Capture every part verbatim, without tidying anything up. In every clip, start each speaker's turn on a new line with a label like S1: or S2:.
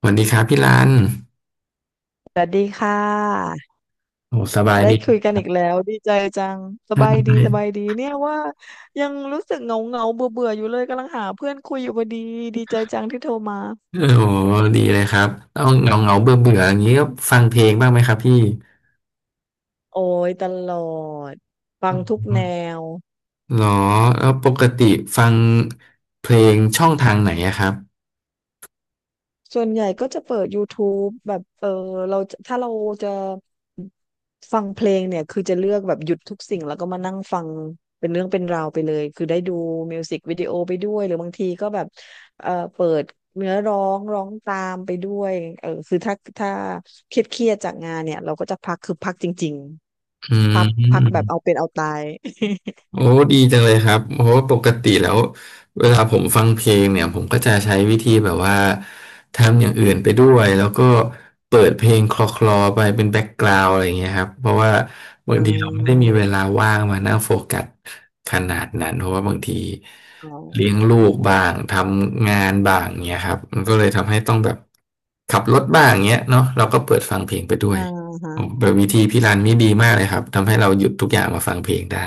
S1: สวัสดีครับพี่รัน
S2: สวัสดีค่ะ
S1: โอ้สบาย
S2: ได้
S1: ดี
S2: คุยกันอีกแล้วดีใจจัง ส
S1: ใช
S2: บายดีสบาย
S1: ่
S2: ดีเนี่ยว่ายังรู้สึกเหงาเงาเบื่อเบื่อๆอยู่เลยกำลังหาเพื่อนคุยอยู่พอดีดีใจจังที่โทรมา
S1: โอ้ดีเลยครับเอาเงาเงาเบื่อเบื่ออย่างนี้ก็ฟังเพลงบ้างไหมครับพี่
S2: โอ้ยตลอดฟั
S1: อื
S2: งทุกแน
S1: ม
S2: ว
S1: หรอแล้วปกติฟังเพลงช่องทางไหนอะครับ
S2: ส่วนใหญ่ก็จะเปิด YouTube แบบเออเราจะถ้าเราจะ ฟังเพลงเนี่ยคือจะเลือกแบบหยุดทุกสิ่งแล้วก็มานั่งฟังเป็นเรื่องเป็นราวไปเลยคือได้ดูมิวสิกวิดีโอไปด้วยหรือบางทีก็แบบเอ่อเปิดเนื้อร้องร้องตามไปด้วยเออคือถ้าถ้าเครียดเครียดจากงานเนี่ยเราก็จะพักคือพักจริง
S1: อื
S2: ๆพักพักแบบเอา
S1: ม
S2: เป็นเอาตาย
S1: โอ้ดีจังเลยครับโอ้ปกติแล้วเวลาผมฟังเพลงเนี่ยผมก็จะใช้วิธีแบบว่าทำอย่างอื่นไปด้วยแล้วก็เปิดเพลงคลอคลอไปเป็นแบ็กกราวด์อะไรอย่างเงี้ยครับเพราะว่า บา
S2: อ่
S1: งทีเราไม่ได้
S2: า
S1: มีเวลาว่างมานั่งโฟกัสขนาดนั้นเพราะว่าบางที
S2: อ๋อ
S1: เลี้ยงลูกบ้างทำงานบ้างเงี้ยครับมันก็เลยทำให้ต้องแบบขับรถบ้างเงี้ยเนาะเราก็เปิดฟังเพลงไปด้ว
S2: อ่า
S1: ย
S2: ฮะ
S1: แบบวิธีพี่รันนี่ดีมากเลยครับทำให้เราหยุดทุกอย่างมาฟังเพลงได้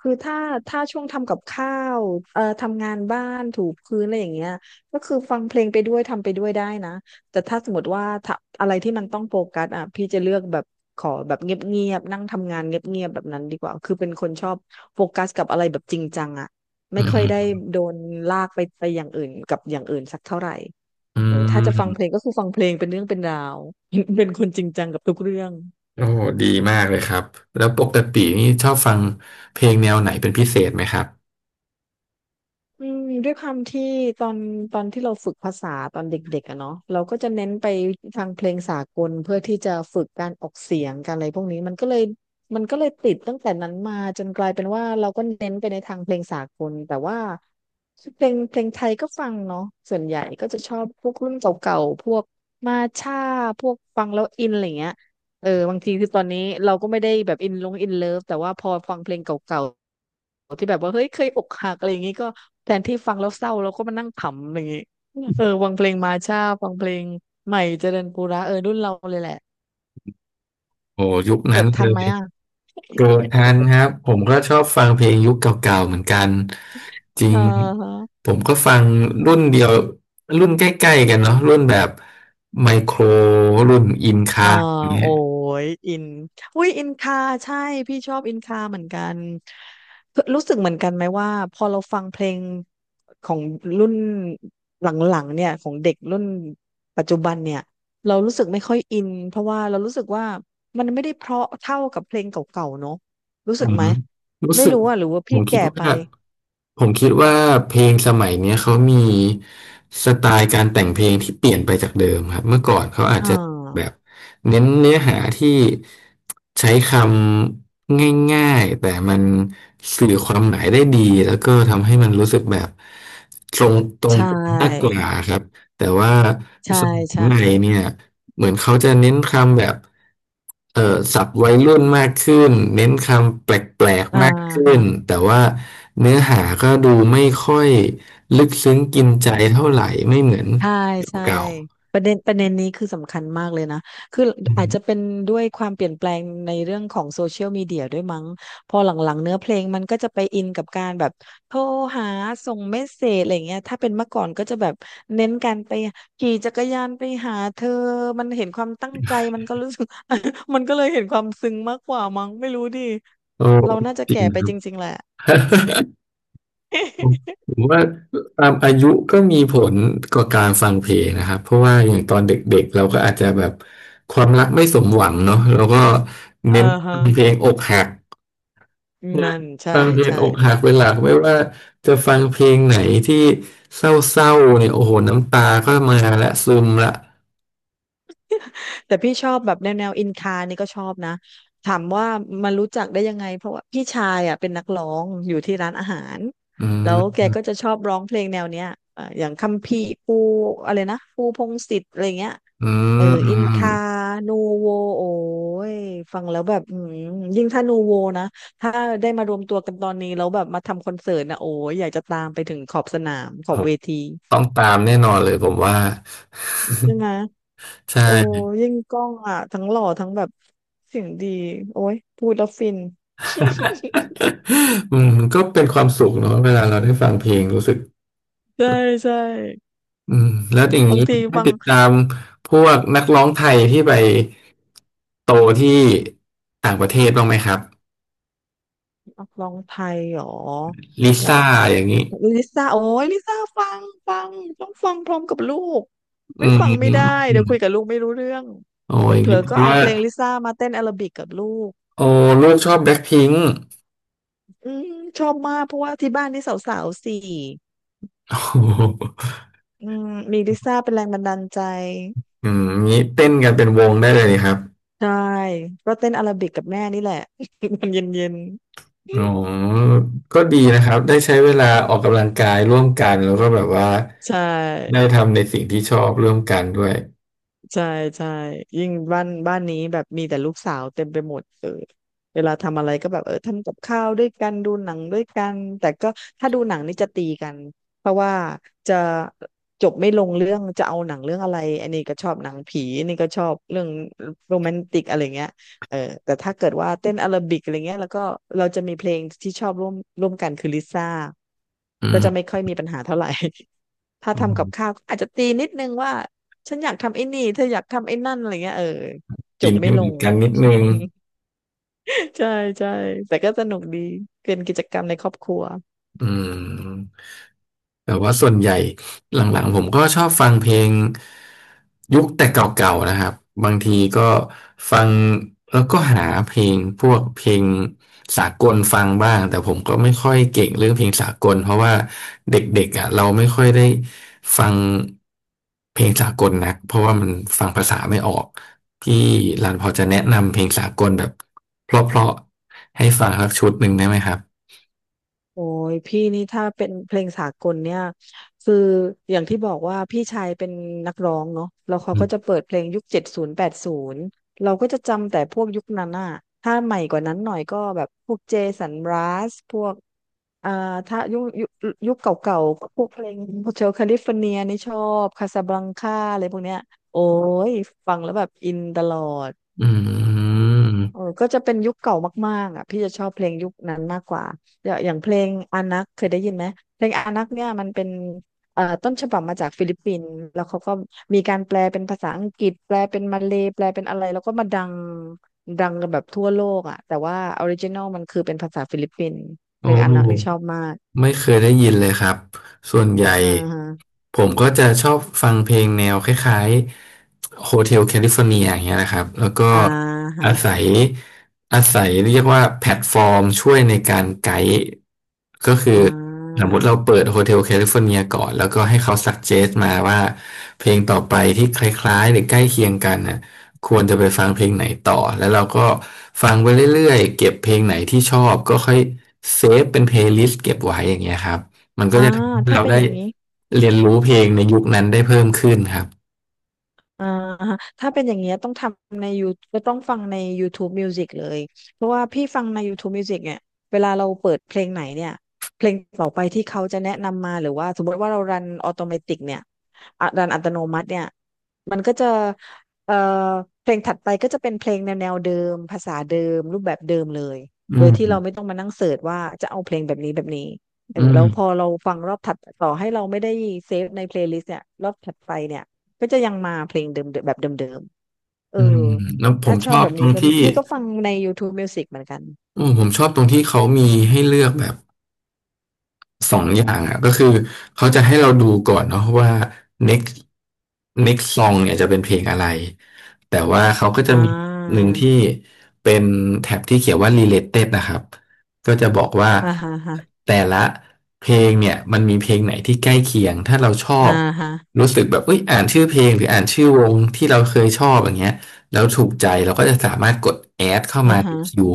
S2: คือถ้าถ้าช่วงทำกับข้าวเอ่อทำงานบ้านถูพื้นอะไรอย่างเงี้ยก็คือฟังเพลงไปด้วยทำไปด้วยได้นะแต่ถ้าสมมติว่าถ้าอะไรที่มันต้องโฟกัสอ่ะพี่จะเลือกแบบขอแบบเงียบๆนั่งทำงานเงียบๆแบบนั้นดีกว่าคือเป็นคนชอบโฟกัสกับอะไรแบบจริงจังอ่ะไม่
S1: อื
S2: ค่อยได้
S1: ม
S2: โดนลากไปไปอย่างอื่นกับอย่างอื่นสักเท่าไหร่
S1: อื
S2: เออถ้าจะ
S1: ม
S2: ฟังเพลงก็คือฟังเพลงเป็นเรื่องเป็นราว เป็นคนจริงจังกับทุกเรื่อง
S1: โอ้ดีมากเลยครับแล้วปกตินี่ชอบฟังเพลงแนวไหนเป็นพิเศษไหมครับ
S2: อืมด้วยความที่ตอนตอนที่เราฝึกภาษาตอนเด็กๆอะเนาะเราก็จะเน้นไปทางเพลงสากลเพื่อที่จะฝึกการออกเสียงการอะไรพวกนี้มันก็เลยมันก็เลยติดตั้งแต่นั้นมาจนกลายเป็นว่าเราก็เน้นไปในทางเพลงสากลแต่ว่าเพลงเพลงไทยก็ฟังเนาะส่วนใหญ่ก็จะชอบพวกรุ่นเก่าๆพวกมาช่าพวกฟังแล้วอินอะไรเงี้ยเออบางทีคือตอนนี้เราก็ไม่ได้แบบอินลงอินเลิฟแต่ว่าพอฟังเพลงเก่า ที่แบบว่าเฮ้ยเคยอกหักอะไรอย่างงี้ก็แทนที่ฟังแล้วเศร้าเราก็มานั่งขำอะไรอย่างงี้เออฟังเพลงมาช่าฟังเพลงใหม่เจริญปุระเออรุ่นเราเลยแหละ
S1: โอ้ยุคนั้
S2: เกิ
S1: น
S2: ด
S1: เล
S2: ทันไหม
S1: ย
S2: อ่ะ
S1: เกิดทันครับผมก็ชอบฟังเพลงยุคเก่าๆเหมือนกันจริ
S2: เอ
S1: ง
S2: อ
S1: ผมก็ฟังรุ่นเดียวรุ่นใกล้ๆกันเนาะรุ่นแบบไมโครรุ่นอิน
S2: เออ
S1: คา
S2: โอ้ยอินอุ้ยอินคาใช่พี่ชอบอินคาเหมือนกันรู้สึกเหมือนกันไหมว่าพอเราฟังเพลงของรุ่นหลังๆเนี่ยของเด็กรุ่นปัจจุบันเนี่ยเรารู้สึกไม่ค่อยอินเพราะว่าเรารู้สึกว่ามันไม่ได้เพราะเท่ากับเพลงเก่าๆเนอะรู้
S1: ผ
S2: สึกไห
S1: ม
S2: ม
S1: รู้
S2: ไม่
S1: สึก
S2: รู้อ่ะหรือว่า
S1: ผ
S2: พี่
S1: มคิด
S2: แก่ไป
S1: ว่าผมคิดว่าเพลงสมัยเนี้ยเขามีสไตล์การแต่งเพลงที่เปลี่ยนไปจากเดิมครับเมื่อก่อนเขาอาจ
S2: อ่
S1: จะแบบ
S2: า
S1: เน้นเนื้อหาที่ใช้คำง่ายๆแต่มันสื่อความหมายได้ดีแล้วก็ทำให้มันรู้สึกแบบตรงตรง
S2: ใช
S1: มากก
S2: ่
S1: ว่าครับ แต่ว่า
S2: ใช่
S1: สมัย
S2: ใช่
S1: ใหม่เนี่ยเหมือนเขาจะเน้นคำแบบเอ่อศัพท์วัยรุ่นมากขึ้นเน้นคำแปลก
S2: อ่า
S1: ๆมากขึ้
S2: ฮะ
S1: นแต่ว่าเนื้อหาก็ดูไม่ค่อยลึกซึ้งกินใจเท่าไหร่ไม่เหมือน
S2: ใช่ใช่
S1: เก่า
S2: ประเด็นประเด็นนี้คือสำคัญมากเลยนะคือ
S1: ๆอืม
S2: อาจจะเป็นด้วยความเปลี่ยนแปลงในเรื่องของโซเชียลมีเดียด้วยมั้งพอหลังๆเนื้อเพลงมันก็จะไปอินกับการแบบโทรหาส่งเมสเสจอะไรเงี้ยถ้าเป็นเมื่อก่อนก็จะแบบเน้นการไปขี่จักรยานไปหาเธอมันเห็นความตั้งใจมันก็รู้สึก มันก็เลยเห็นความซึ้งมากกว่ามั้งไม่รู้ดิ
S1: โอ้
S2: เราน่าจะ
S1: จริ
S2: แก่
S1: ง
S2: ไป
S1: ครั
S2: จ
S1: บ
S2: ริงๆแหละ
S1: ผมว่าตามอายุก็มีผลกับการฟังเพลงนะครับเพราะว่าอย่างตอนเด็กๆเราก็อาจจะแบบความรักไม่สมหวังเนาะแล้วก็
S2: อ่า
S1: เน้น
S2: ฮะ
S1: เพลงอกหัก นะ
S2: นั่นใช่
S1: ฟังเพลง
S2: ใช่
S1: อกหักเป็นหลักไม่ว่าจะฟังเพลงไหนที่เศร้าๆเนี่ยโอ้โหน้ำตาก็มาและซึมละ
S2: แต่พี่ชอบแบบแนวแนวอินคานี่ก็ชอบนะถามว่ามันรู้จักได้ยังไงเพราะว่าพี่ชายอ่ะเป็นนักร้องอยู่ที่ร้านอาหาร
S1: อื
S2: แล้วแกก็
S1: ม
S2: จะชอบร้องเพลงแนวเนี้ยเอ่ออย่างคัมภีร์ปูอะไรนะปูพงษ์สิทธิ์อะไรเงี้ย
S1: อื
S2: เออ
S1: มอื
S2: อิน
S1: ม
S2: คานูโวโอ้ยฟังแล้วแบบอืมยิ่งถ้านูโวนะถ้าได้มารวมตัวกันตอนนี้แล้วแบบมาทำคอนเสิร์ตนะโอ้ยอยากจะตามไปถึงขอบสนามข
S1: ผ
S2: อบ
S1: ม
S2: เวที
S1: ต้องตามแน่นอนเลยผมว่า
S2: ใช่ไหม
S1: ใช
S2: โอ้
S1: ่
S2: ยิ่งกล้องอ่ะทั้งหล่อทั้งแบบเสียงดีโอ้ยพูดแล้วฟิน
S1: อืมก็เป็นความสุขเนาะเวลาเราได้ฟังเพลงรู้สึก
S2: ใช่ใช่
S1: อืมแล้วอย่าง
S2: บา
S1: นี้
S2: งที
S1: ได้
S2: ฟัง
S1: ติดตามพวกนักร้องไทยที่ไปโตที่ต่างประเทศบ้างไหมครับ
S2: นักร้องไทยหรอ
S1: ลิ
S2: อย่าง
S1: ซ่าอย่างนี้
S2: ลิซ่าโอ้ยลิซ่าฟังฟังต้องฟังพร้อมกับลูก
S1: อื
S2: ไม่ฟังไม่ได้เดี๋ยวคุย
S1: ม
S2: กับลูกไม่รู้เรื่อง
S1: โอ้ย
S2: เผล
S1: นี่
S2: อ
S1: เพ
S2: ๆก็
S1: ราะ
S2: เอา
S1: ว่า
S2: เพลงลิซ่ามาเต้นแอโรบิกกับลูก
S1: โอ้ลูกชอบแบล็คพิงค์
S2: อืมชอบมากเพราะว่าที่บ้านนี่สาวๆสี่
S1: โอ้โห
S2: อืมมีลิซ่าเป็นแรงบันดาลใจ
S1: อืมงี้เต้นกันเป็นวงได้เลยนี่ครับ
S2: ใช่ก็เต้นอาราบิกกับแม่นี่แหละ มันเย็น
S1: อ๋อก็ดีนะครับได้ใช้เวลาออกกำลังกายร่วมกันแล้วก็แบบว่า
S2: ๆใช่
S1: ได้ทำในสิ่งที่ชอบร่วมกันด้วย
S2: ใช่ใช่ยิ่งบ้านบ้านนี้แบบมีแต่ลูกสาวเต็มไปหมดเออเวลาทำอะไรก็แบบเออทำกับข้าวด้วยกันดูหนังด้วยกันแต่ก็ถ้าดูหนังนี่จะตีกันเพราะว่าจะจบไม่ลงเรื่องจะเอาหนังเรื่องอะไรอันนี้ก็ชอบหนังผีอันนี้ก็ชอบเรื่องโรแมนติกอะไรเงี้ยเออแต่ถ้าเกิดว่าเต้นอาราบิกอะไรเงี้ยแล้วก็เราจะมีเพลงที่ชอบร่วมร่วมกันคือลิซ่า
S1: อื
S2: ก็จะไม่
S1: ม
S2: ค่อยมีปัญหาเท่าไหร่ ถ้า
S1: อื
S2: ทำกับ
S1: ม
S2: ข้าวอาจจะตีนิดนึงว่าฉันอยากทำไอ้นี่เธออยากทำไอ้นั่นอะไรเงี้ยเออจ
S1: กิ
S2: บ
S1: น
S2: ไม่
S1: ให้เห
S2: ล
S1: มือน
S2: ง
S1: กันนิดนึง
S2: ใช่ใช่แต่ก็สนุกดีเป็นกิจกรรมในครอบครัว
S1: อืม แต่ว่าส่วนใหญ่หลังๆผมก็ชอบฟังเพลงยุคแต่เก่าๆนะครับบางทีก็ฟังแล้วก็หาเพลงพวกเพลงสากลฟังบ้างแต่ผมก็ไม่ค่อยเก่งเรื่องเพลงสากลเพราะว่าเด็กๆอ่ะเราไม่ค่อยได้ฟังเพลงสากลนักเพราะว่ามันฟังภาษาไม่ออกพี่รันพอจะแนะนำเพลงสากลแบบเพราะๆให้ฟังสักชุดหนึ่งได้ไหมครับ
S2: โอ้ยพี่นี่ถ้าเป็นเพลงสากลเนี่ยคืออย่างที่บอกว่าพี่ชายเป็นนักร้องเนาะแล้วเขา
S1: อื
S2: ก็จะ
S1: ม
S2: เปิดเพลงยุคเจ็ดศูนย์แปดศูนย์เราก็จะจำแต่พวกยุคนั้นอ่ะถ้าใหม่กว่านั้นหน่อยก็แบบพวกเจสันรัสพวกอ่าถ้ายุคยุคยุคเก่าๆก็พวกเพลงโฮเชลแคลิฟอร์เนียนี่ชอบคาซาบลังคาอะไรพวกเนี้ยโอ้ยฟังแล้วแบบอินตลอด
S1: อื
S2: เออ
S1: ม
S2: ก็จะเป็นยุคเก่ามากๆอ่ะพี่จะชอบเพลงยุคนั้นมากกว่าอย่างอย่างเพลงอานักเคยได้ยินไหมเพลงอานักเนี่ยมันเป็นเอ่อต้นฉบับมาจากฟิลิปปินส์แล้วเขาก็มีการแปลเป็นภาษาอังกฤษแปลเป็นมาเลย์แปลเป็นอะไรแล้วก็มาดังดังกันแบบทั่วโลกอ่ะแต่ว่าออริจินอลมันคือเป็นภาษาฟิลิปปินส์
S1: โอ้
S2: เพลงอานักนี่ชอบมาก
S1: ไม่เคยได้ยินเลยครับ ส่วนใหญ่
S2: อ่าฮะ
S1: ผมก็จะชอบฟังเพลงแนวคล้ายๆ Hotel California อย่างเงี้ยนะครับ แล้วก็
S2: อ่าฮ
S1: อาศั
S2: ะ
S1: ยอาศัยเรียกว่าแพลตฟอร์มช่วยในการไกด์ก็คือ
S2: อ่
S1: สม
S2: า
S1: มติเราเปิด Hotel California ก่อน แล้วก็ให้เขาสั g เจ t มาว่าเพลงต่อไปที่คล้ายๆหรือใกล้เคียงกันน่ะ ควรจะไปฟังเพลงไหนต่อแล้วเราก็ฟังไปเรื่อยๆเก็บเพลงไหนที่ชอบก็ค่อยเซฟเป็นเพลย์ลิสต์เก็บไว้อย่างเงี้ยครับมันก็
S2: อ่า
S1: จะทำให้
S2: ถ้า
S1: เรา
S2: เป็น
S1: ได้
S2: อย่างนี้
S1: เรียนรู้เพลงในยุคนั้นได้เพิ่มขึ้นครับ
S2: อ่าฮะถ้าเป็นอย่างเงี้ยต้องทำในยูก็ต้องฟังใน YouTube Music เลยเพราะว่าพี่ฟังใน YouTube Music เนี่ยเวลาเราเปิดเพลงไหนเนี่ยเพลงต่อไปที่เขาจะแนะนำมาหรือว่าสมมติว่าเรารันออโตเมติกเนี่ยอ่ะรันอัตโนมัติเนี่ยมันก็จะเอ่อเพลงถัดไปก็จะเป็นเพลงแนวแนวเดิมภาษาเดิมรูปแบบเดิมเลย
S1: อื
S2: โดย
S1: ม
S2: ที่เราไม่ต้องมานั่งเสิร์ชว่าจะเอาเพลงแบบนี้แบบนี้เอ
S1: อื
S2: อ
S1: ม
S2: แล้วพอเราฟังรอบถัดต่อให้เราไม่ได้เซฟในเพลย์ลิสต์เนี่ยรอบถัดไปเนี่ย ก็จะยังมาเพลงเดิมๆแบบเดิมๆเออ
S1: อืมแล้วผ
S2: ถ้า
S1: ม
S2: ช
S1: ช
S2: อบ
S1: อบ
S2: แบบ
S1: ตร
S2: นี้
S1: ง
S2: ก็
S1: ที่
S2: พี่ก็ฟังใน YouTube Music เหมือนกัน
S1: อืมผมชอบตรงที่เขามีให้เลือกแบบ สองอย่างอ่ะก็คือเขาจะให้เราดูก่อนเนาะว่า next next ซอง เนี่ยจะเป็นเพลงอะไรแต่ว่าเขาก็จะ
S2: อ่
S1: มีหนึ่
S2: า
S1: งที่เป็นแท็บที่เขียนว่า รีเลท นะครับก็จะบอกว่า
S2: อ่าฮะฮะ
S1: แต่ละเพลงเนี่ยมันมีเพลงไหนที่ใกล้เคียงถ้าเราชอ
S2: อ่า
S1: บ
S2: ฮะ
S1: รู้สึกแบบเอ้ยอ่านชื่อเพลงหรืออ่านชื่อวงที่เราเคยชอบอย่างเงี้ยแล้วถูกใจเราก็จะสามารถกด แอด เข้า
S2: อ่า
S1: มาใน
S2: ฮะ
S1: คิว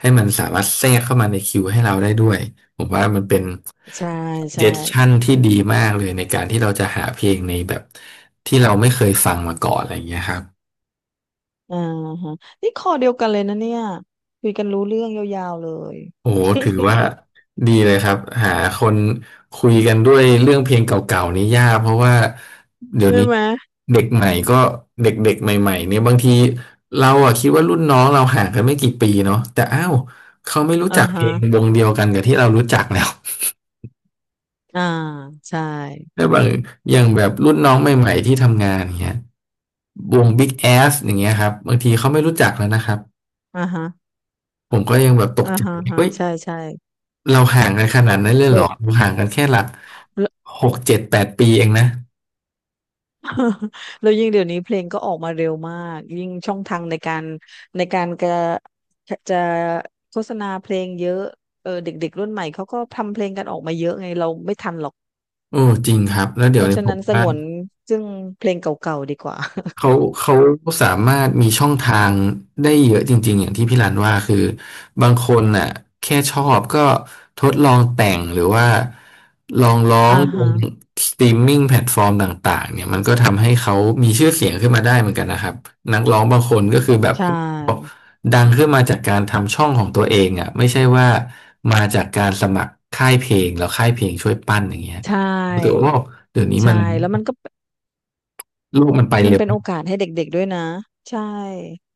S1: ให้มันสามารถแทรกเข้ามาในคิวให้เราได้ด้วย ผมว่ามันเป็น
S2: ใช่
S1: เจ
S2: ใช่
S1: สชั่นที่ดีมากเลยในการที่เราจะหาเพลงในแบบที่เราไม่เคยฟังมาก่อนอะไรอย่างเงี้ยครับ
S2: อ่าฮะนี่คอเดียวกันเลยนะเนี่ยคุยกันรู้เรื่องยาวๆเลย
S1: โอ้โหถือว่า ดีเลยครับหาคนคุยกันด้วยเรื่องเพลงเก่าๆนี่ยากเพราะว่าเดี๋ยว
S2: ใช่
S1: นี้
S2: ไหม
S1: เด็กใหม่ก็เด็กๆใหม่ๆเนี่ยบางทีเราอะคิดว่ารุ่นน้องเราห่างกันไม่กี่ปีเนาะแต่อ้าวเขาไม่รู้
S2: อ่า
S1: จักเพ
S2: ฮะ
S1: ลงวงเดียวกันกับที่เรารู้จักแล้ว
S2: อ่าใช่
S1: แล้วบางอย่างแบบรุ่นน้องใหม่ๆที่ทำงานอย่างเงี้ย วง บิ๊ก แอส อย่างเงี้ยครับบางทีเขาไม่รู้จักแล้วนะครับ
S2: อ่าฮะ
S1: ผมก็ยังแบบตก
S2: อ่า
S1: ใจ
S2: ฮะฮะ
S1: เฮ้ย
S2: ใช่ใช่
S1: เราห่างกันขนาดนั้นเลยเหร
S2: เบิร์
S1: อ
S2: ด
S1: เราห่างกันแค่หลักหกเจ็ดแปดปีเองนะ
S2: แล้วยิ่งเดี๋ยวนี้เพลงก็ออกมาเร็วมากยิ่งช่องทางในการในการกระจะโฆษณาเพลงเยอะเออเด็กๆรุ่นใหม่เขาก็ทำเพลงกันออกมาเยอะไงเราไม่ทันหรอก
S1: โอ้จริงครับแล้วเดี๋
S2: เพ
S1: ยว
S2: ราะ
S1: นี้
S2: ฉะ
S1: ผ
S2: นั้
S1: ม
S2: นส
S1: ว่า
S2: งวนซึ่งเพลงเก่าๆดีกว่า
S1: เขาเขาสามารถมีช่องทางได้เยอะจริงๆอย่างที่พี่รันว่าคือบางคนน่ะแค่ชอบก็ทดลองแต่งหรือว่าลองร้อ
S2: อ่า
S1: งลง
S2: ฮะ
S1: สตรีมมิ่งแพลตฟอร์มต่างๆเนี่ยมันก็ทำให้เขามีชื่อเสียงขึ้นมาได้เหมือนกันนะครับนักร้องบางคนก็คือแบบ
S2: ใช่
S1: ดังขึ้นมาจากการทำช่องของตัวเองอ่ะไม่ใช่ว่ามาจากการสมัครค่ายเพลงแล้วค่ายเพลงช่วยปั้นอย่างเงี้ย
S2: ใช
S1: หรือ
S2: ่
S1: ว่าเดี๋ยวนี้มั
S2: ใช่
S1: น
S2: แล้วมันก็
S1: โลกมันไป
S2: มัน
S1: เร็ว
S2: เป็นโอกาสให้เด็กๆด้วยนะใช่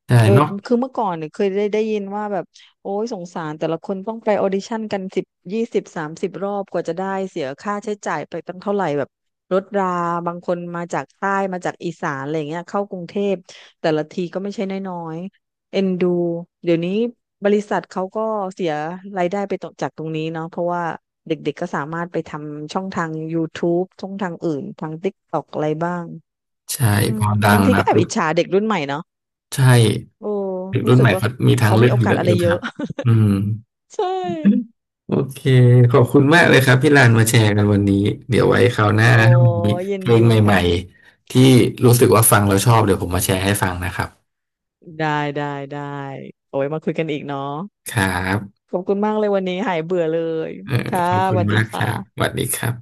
S1: ใช่
S2: โดย
S1: เนาะ
S2: คือเมื่อก่อนเนี่ยเคยได้ได้ยินว่าแบบโอ้ยสงสารแต่ละคนต้องไปออดิชั่นกันสิบยี่สิบสามสิบรอบกว่าจะได้เสียค่าใช้จ่ายไปตั้งเท่าไหร่แบบรถราบางคนมาจากใต้มาจากอีสานอะไรเงี้ยเข้ากรุงเทพแต่ละทีก็ไม่ใช่น้อยๆเอ็นดูเดี๋ยวนี้บริษัทเขาก็เสียรายได้ไปตรงจากตรงนี้เนาะเพราะว่าเด็กๆก็สามารถไปทำช่องทางยูทูบช่องทางอื่นทางติ๊กต็อกอะไรบ้าง
S1: ใช่
S2: อื
S1: พ
S2: ม
S1: อดั
S2: บา
S1: ง
S2: งที
S1: มา
S2: ก็แอบ
S1: ปุ๊
S2: อิ
S1: บ
S2: จฉาเด็กรุ่นใหม่เนาะ
S1: ใช่
S2: โอ้
S1: เด็ก
S2: รู้
S1: รุ่น
S2: สึ
S1: ให
S2: ก
S1: ม่
S2: ว่า
S1: เขามีทาง
S2: เขา
S1: เลื
S2: มี
S1: อก
S2: โอกา
S1: เย
S2: ส
S1: อะ
S2: อะ
S1: อ
S2: ไร
S1: ยู่
S2: เย
S1: ครั
S2: อะ
S1: บอืม
S2: ใช่
S1: โอเคขอบคุณมากเลยครับพี่ลานมาแชร์กันวันนี้เดี๋ยวไว้คราวหน้า
S2: โอ้
S1: ถ้ามี
S2: ยิ
S1: เพ
S2: น
S1: ลง
S2: ดี
S1: ใหม่
S2: ค่ะ
S1: ๆที่รู้สึกว่าฟังแล้วชอบเดี๋ยวผมมาแชร์ให้ฟังนะครับ
S2: ได้ได้ได้โอ้ยมาคุยกันอีกเนาะ
S1: ครับ
S2: ขอบคุณมากเลยวันนี้หายเบื่อเลย
S1: เออ
S2: ค่ะ
S1: ขอบ
S2: ส
S1: คุณ
S2: วัสดี
S1: มากครับส
S2: ค่ะ
S1: วัสดีครับ